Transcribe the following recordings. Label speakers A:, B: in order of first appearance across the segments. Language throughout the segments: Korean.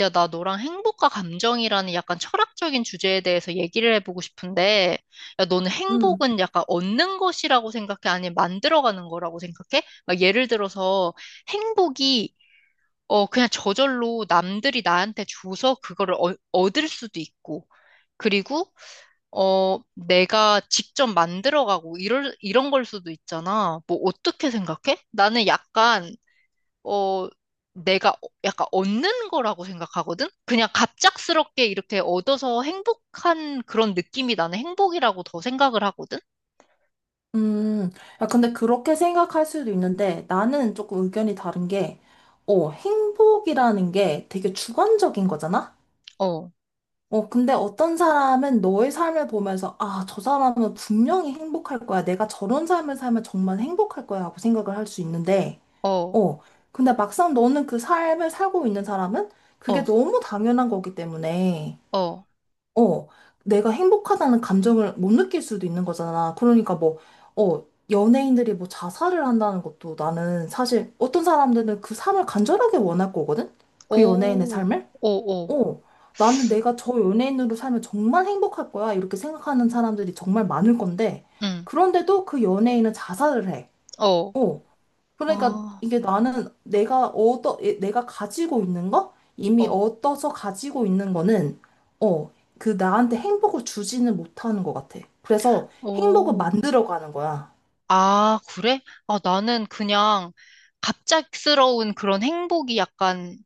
A: 야, 나 너랑 행복과 감정이라는 약간 철학적인 주제에 대해서 얘기를 해보고 싶은데, 야, 너는
B: 음,
A: 행복은 약간 얻는 것이라고 생각해? 아니면 만들어가는 거라고 생각해? 막 예를 들어서 행복이, 그냥 저절로 남들이 나한테 줘서 그거를 얻을 수도 있고, 그리고, 내가 직접 만들어가고, 이런 걸 수도 있잖아. 뭐, 어떻게 생각해? 나는 약간 어, 내가 약간 얻는 거라고 생각하거든? 그냥 갑작스럽게 이렇게 얻어서 행복한 그런 느낌이 나는 행복이라고 더 생각을 하거든?
B: 음. 야, 근데 그렇게 생각할 수도 있는데 나는 조금 의견이 다른 게, 행복이라는 게 되게 주관적인 거잖아?
A: 어,
B: 근데 어떤 사람은 너의 삶을 보면서, 아, 저 사람은 분명히 행복할 거야. 내가 저런 삶을 살면 정말 행복할 거야. 하고 생각을 할 수 있는데,
A: 어,
B: 어, 근데 막상 너는 그 삶을 살고 있는 사람은 그게
A: 어,
B: 너무 당연한 거기 때문에,
A: 어,
B: 어, 내가 행복하다는 감정을 못 느낄 수도 있는 거잖아. 그러니까 뭐, 어, 연예인들이 뭐 자살을 한다는 것도 나는 사실 어떤 사람들은 그 삶을 간절하게 원할 거거든? 그 연예인의
A: 오,
B: 삶을?
A: 오, 오,
B: 어, 나는 내가 저 연예인으로 살면 정말 행복할 거야. 이렇게 생각하는 사람들이 정말 많을 건데,
A: 응,
B: 그런데도 그 연예인은 자살을 해.
A: 어,
B: 어, 그러니까
A: 아,
B: 이게 나는 예, 내가 가지고 있는 거? 이미
A: 어,
B: 얻어서 가지고 있는 거는, 어, 그 나한테 행복을 주지는 못하는 것 같아. 그래서 행복을
A: 오.
B: 만들어 가는 거야.
A: 아, 그래? 아, 나는 그냥 갑작스러운 그런 행복이 약간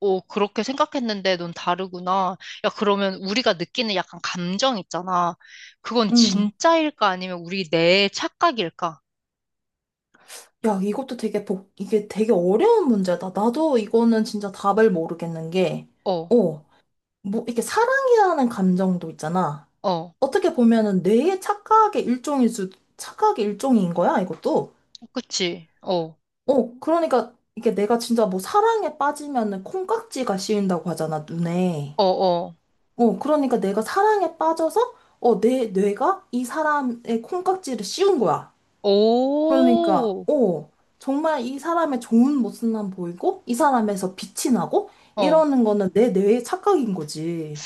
A: 오, 그렇게 생각했는데 넌 다르구나. 야, 그러면 우리가 느끼는 약간 감정 있잖아. 그건
B: 음.
A: 진짜일까? 아니면 우리 내 착각일까?
B: 야, 이것도 이게 되게 어려운 문제다. 나도 이거는 진짜 답을 모르겠는 게,
A: 어,
B: 어, 뭐, 이렇게 사랑이라는 감정도 있잖아.
A: 어,
B: 어떻게 보면은 뇌의 착각의 일종일 수, 착각의 일종인 거야, 이것도.
A: 그치? 어,
B: 그러니까 이게 내가 진짜 뭐 사랑에 빠지면은 콩깍지가 씌인다고 하잖아, 눈에.
A: 어, 어.
B: 그러니까 내가 사랑에 빠져서 내 뇌가 이 사람의 콩깍지를 씌운 거야. 그러니까
A: 오,
B: 정말 이 사람의 좋은 모습만 보이고 이 사람에서 빛이 나고
A: 어.
B: 이러는 거는 내 뇌의 착각인 거지.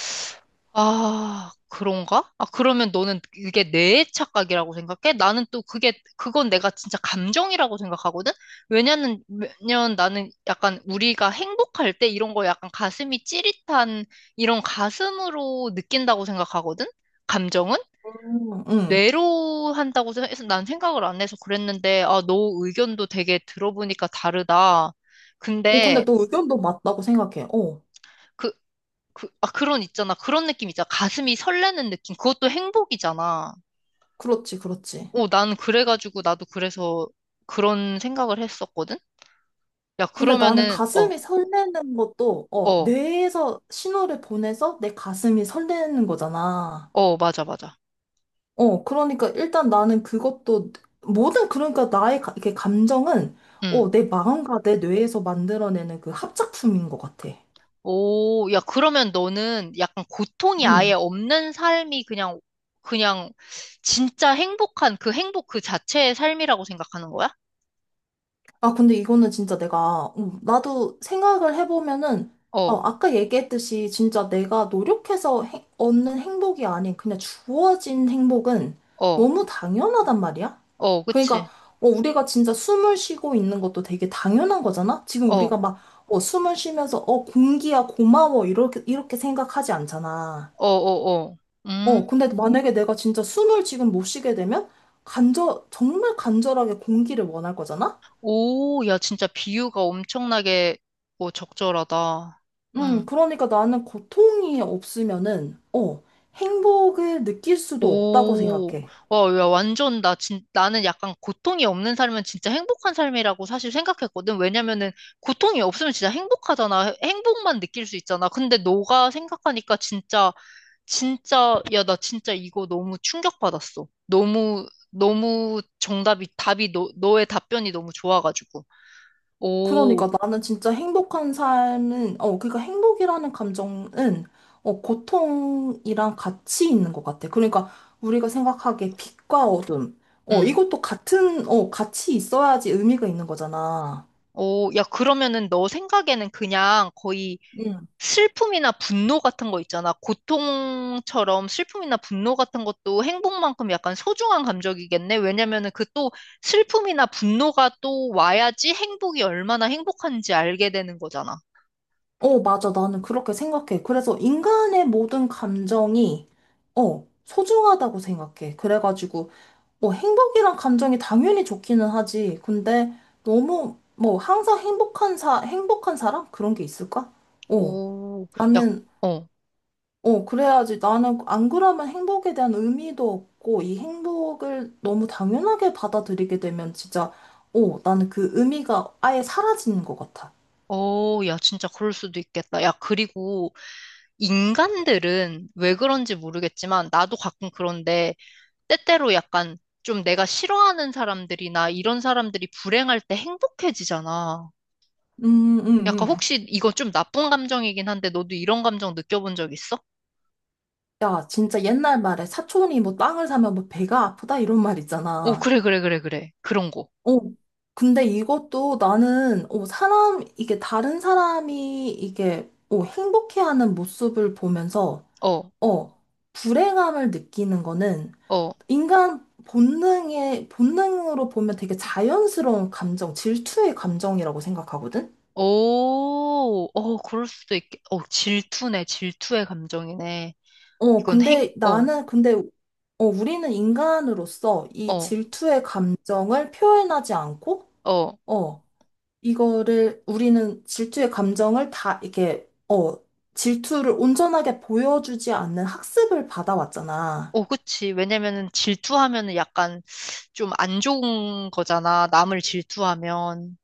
A: 아, 그런가? 아, 그러면 너는 이게 내 착각이라고 생각해? 나는 또 그건 내가 진짜 감정이라고 생각하거든? 왜냐면, 왜냐면 나는 약간 우리가 행복할 때 이런 거 약간 가슴이 찌릿한 이런 가슴으로 느낀다고 생각하거든? 감정은?
B: 응. 응.
A: 뇌로 한다고 해서 난 생각을 안 해서 그랬는데, 아, 너 의견도 되게 들어보니까 다르다.
B: 근데
A: 근데,
B: 너 의견도 맞다고 생각해.
A: 그, 아, 그런 있잖아. 그런 느낌 있잖아. 가슴이 설레는 느낌. 그것도 행복이잖아.
B: 그렇지, 그렇지.
A: 난 그래가지고 나도 그래서 그런 생각을 했었거든? 야,
B: 근데 나는
A: 그러면은, 어,
B: 가슴이 설레는 것도,
A: 어,
B: 뇌에서 신호를 보내서 내 가슴이 설레는 거잖아.
A: 어, 맞아, 맞아.
B: 그러니까 일단 나는 그것도, 그러니까 이렇게 감정은,
A: 응.
B: 내 마음과 내 뇌에서 만들어내는 그 합작품인 것 같아.
A: 오, 야, 그러면 너는 약간 고통이 아예
B: 음.
A: 없는 삶이 그냥 진짜 행복한 그 행복 그 자체의 삶이라고 생각하는 거야?
B: 아, 근데 이거는 진짜 내가, 나도 생각을 해보면은,
A: 어,
B: 아까 얘기했듯이 진짜 내가 얻는 행복이 아닌 그냥 주어진 행복은
A: 어,
B: 너무 당연하단 말이야?
A: 어,
B: 그러니까,
A: 그치.
B: 우리가 진짜 숨을 쉬고 있는 것도 되게 당연한 거잖아? 지금
A: 어, 어,
B: 우리가 막, 숨을 쉬면서, 공기야, 고마워, 이렇게 생각하지 않잖아.
A: 어, 어. 음.
B: 근데 만약에 내가 진짜 숨을 지금 못 쉬게 되면, 정말 간절하게 공기를 원할 거잖아?
A: 오, 야, 진짜 비유가 엄청나게 뭐 적절하다. 응.
B: 그러니까 나는 고통이 없으면은, 행복을 느낄 수도 없다고
A: 오,
B: 생각해.
A: 와, 야, 완전, 나는 약간 고통이 없는 삶은 진짜 행복한 삶이라고 사실 생각했거든. 왜냐면은, 고통이 없으면 진짜 행복하잖아. 행복만 느낄 수 있잖아. 근데 너가 생각하니까 진짜, 진짜, 야, 나 진짜 이거 너무 충격받았어. 너무, 너무 답이, 너의 답변이 너무 좋아가지고. 오,
B: 그러니까 나는 진짜 행복한 삶은, 그러니까 행복이라는 감정은, 고통이랑 같이 있는 것 같아. 그러니까 우리가 생각하기에 빛과 어둠,
A: 음
B: 이것도 같은, 같이 있어야지 의미가 있는 거잖아.
A: 오, 야, 그러면은 너 생각에는 그냥 거의
B: 응.
A: 슬픔이나 분노 같은 거 있잖아. 고통처럼 슬픔이나 분노 같은 것도 행복만큼 약간 소중한 감정이겠네. 왜냐면은 그 또 슬픔이나 분노가 또 와야지 행복이 얼마나 행복한지 알게 되는 거잖아.
B: 맞아. 나는 그렇게 생각해. 그래서 인간의 모든 감정이, 소중하다고 생각해. 그래가지고, 뭐 행복이란 감정이 당연히 좋기는 하지. 근데 너무 뭐 항상 행복한 사 행복한 사람 그런 게 있을까? 어.
A: 오, 야,
B: 나는
A: 어.
B: 그래야지 나는 안 그러면 행복에 대한 의미도 없고 이 행복을 너무 당연하게 받아들이게 되면 진짜 나는 그 의미가 아예 사라지는 것 같아.
A: 어, 야, 진짜 그럴 수도 있겠다. 야, 그리고 인간들은 왜 그런지 모르겠지만, 나도 가끔 그런데, 때때로 약간 좀 내가 싫어하는 사람들이나 이런 사람들이 불행할 때 행복해지잖아.
B: 음, 음,
A: 약간
B: 음.
A: 혹시 이거 좀 나쁜 감정이긴 한데 너도 이런 감정 느껴본 적 있어?
B: 야, 진짜 옛날 말에 사촌이 뭐 땅을 사면 뭐 배가 아프다 이런 말
A: 오,
B: 있잖아.
A: 그래, 그래, 그래, 그래. 그런 거.
B: 어, 근데 이것도 나는, 이게 다른 사람이 이게, 행복해하는 모습을 보면서,
A: 어,
B: 어, 불행함을 느끼는 거는
A: 어.
B: 본능으로 보면 되게 자연스러운 감정, 질투의 감정이라고 생각하거든?
A: 오, 어, 그럴 수도 있겠, 질투네, 질투의 감정이네.
B: 어,
A: 이건 행,
B: 근데
A: 어,
B: 나는, 근데, 어, 우리는 인간으로서 이
A: 어,
B: 질투의 감정을 표현하지 않고,
A: 어.
B: 어, 이거를 우리는 질투의 감정을 다 이렇게 질투를 온전하게 보여주지 않는 학습을 받아왔잖아.
A: 어, 그치. 왜냐면은 질투하면은 약간 좀 안 좋은 거잖아. 남을 질투하면.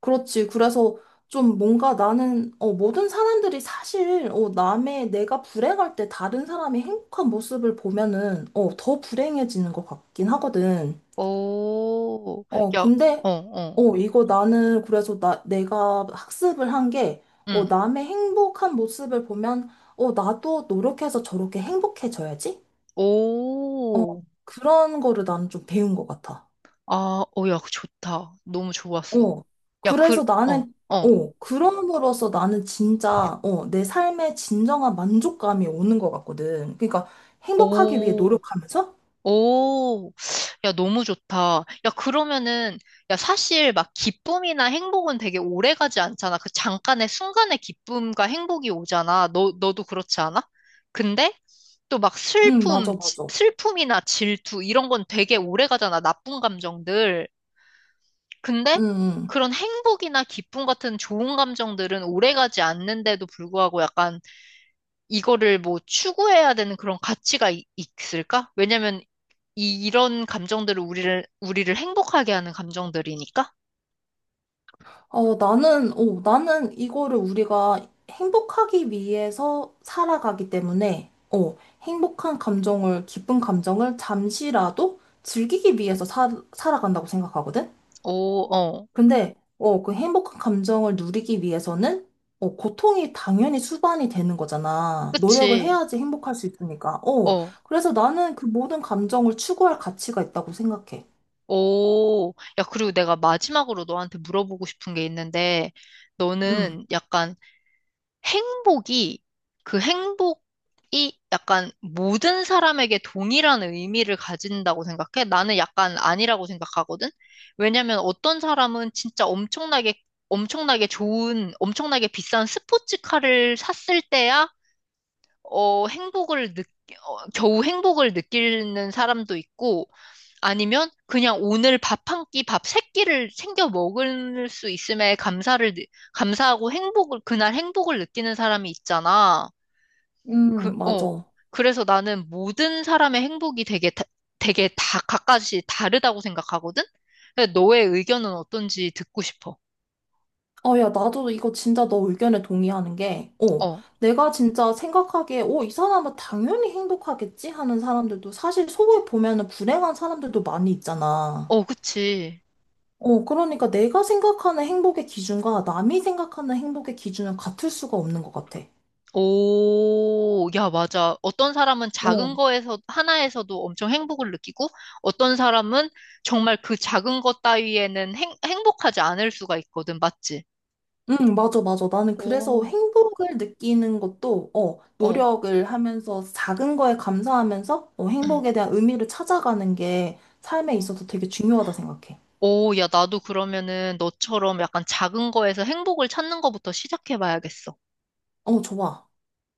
B: 그렇지. 그래서 좀 뭔가 나는 모든 사람들이 사실 남의 내가 불행할 때 다른 사람이 행복한 모습을 보면은 더 불행해지는 것 같긴 하거든.
A: 오,
B: 어
A: 야, 어,
B: 근데
A: 어,
B: 어 이거 나는 그래서 나 내가 학습을 한 게
A: 응.
B: 남의 행복한 모습을 보면 나도 노력해서 저렇게 행복해져야지. 어,
A: 오,
B: 그런 거를 나는 좀 배운 것 같아.
A: 아, 어, 야, 좋다. 너무 좋았어.
B: 어,
A: 야, 그,
B: 그래서
A: 어,
B: 나는,
A: 어.
B: 그럼으로써 나는 진짜, 내 삶에 진정한 만족감이 오는 것 같거든. 그러니까 행복하기 위해
A: 오,
B: 노력하면서?
A: 오, 야, 너무 좋다. 야, 그러면은, 야, 사실 막 기쁨이나 행복은 되게 오래 가지 않잖아. 그 잠깐의 순간의 기쁨과 행복이 오잖아. 너도 그렇지 않아? 근데 또 막
B: 응, 맞아, 맞아.
A: 슬픔이나 질투, 이런 건 되게 오래 가잖아. 나쁜 감정들. 근데
B: 응, 응.
A: 그런 행복이나 기쁨 같은 좋은 감정들은 오래 가지 않는데도 불구하고 약간 이거를 뭐 추구해야 되는 그런 가치가 있을까? 왜냐면 이런 감정들을 우리를 행복하게 하는 감정들이니까?
B: 나는 이거를 우리가 행복하기 위해서 살아가기 때문에, 행복한 감정을, 기쁜 감정을 잠시라도 즐기기 위해서 살 살아간다고 생각하거든?
A: 오, 어,
B: 근데 그 행복한 감정을 누리기 위해서는 고통이 당연히 수반이 되는 거잖아. 노력을
A: 그치.
B: 해야지 행복할 수 있으니까.
A: 어,
B: 그래서 나는 그 모든 감정을 추구할 가치가 있다고 생각해.
A: 오. 야, 그리고 내가 마지막으로 너한테 물어보고 싶은 게 있는데,
B: 음,
A: 너는 약간 행복이, 그 행복이 약간 모든 사람에게 동일한 의미를 가진다고 생각해? 나는 약간 아니라고 생각하거든? 왜냐면 어떤 사람은 진짜 엄청나게 좋은, 엄청나게 비싼 스포츠카를 샀을 때야, 어, 행복을 느, 겨우 행복을 느끼는 사람도 있고, 아니면 그냥 오늘 밥 한 끼, 밥 세 끼를 챙겨 먹을 수 있음에 감사하고 그날 행복을 느끼는 사람이 있잖아. 그, 어.
B: 맞아.
A: 어, 그래서 나는 모든 사람의 행복이 되게 다 각각이 다르다고 생각하거든? 그래서 너의 의견은 어떤지 듣고 싶어.
B: 야, 나도 이거 진짜 너 의견에 동의하는 게,
A: 어,
B: 내가 진짜 생각하기에, 이 사람은 당연히 행복하겠지? 하는 사람들도 사실 속에 보면은 불행한 사람들도 많이 있잖아.
A: 어, 그치.
B: 그러니까 내가 생각하는 행복의 기준과 남이 생각하는 행복의 기준은 같을 수가 없는 것 같아.
A: 오, 야, 맞아. 어떤 사람은
B: 어.
A: 작은 거에서, 하나에서도 엄청 행복을 느끼고, 어떤 사람은 정말 그 작은 것 따위에는 행복하지 않을 수가 있거든. 맞지?
B: 응, 맞아, 맞아. 나는 그래서
A: 오,
B: 행복을 느끼는 것도,
A: 어.
B: 노력을 하면서 작은 거에 감사하면서,
A: 응.
B: 행복에 대한 의미를 찾아가는 게 삶에
A: 어,
B: 있어서 되게 중요하다 생각해.
A: 오, 야, 나도 그러면은 너처럼 약간 작은 거에서 행복을 찾는 거부터 시작해봐야겠어.
B: 좋아.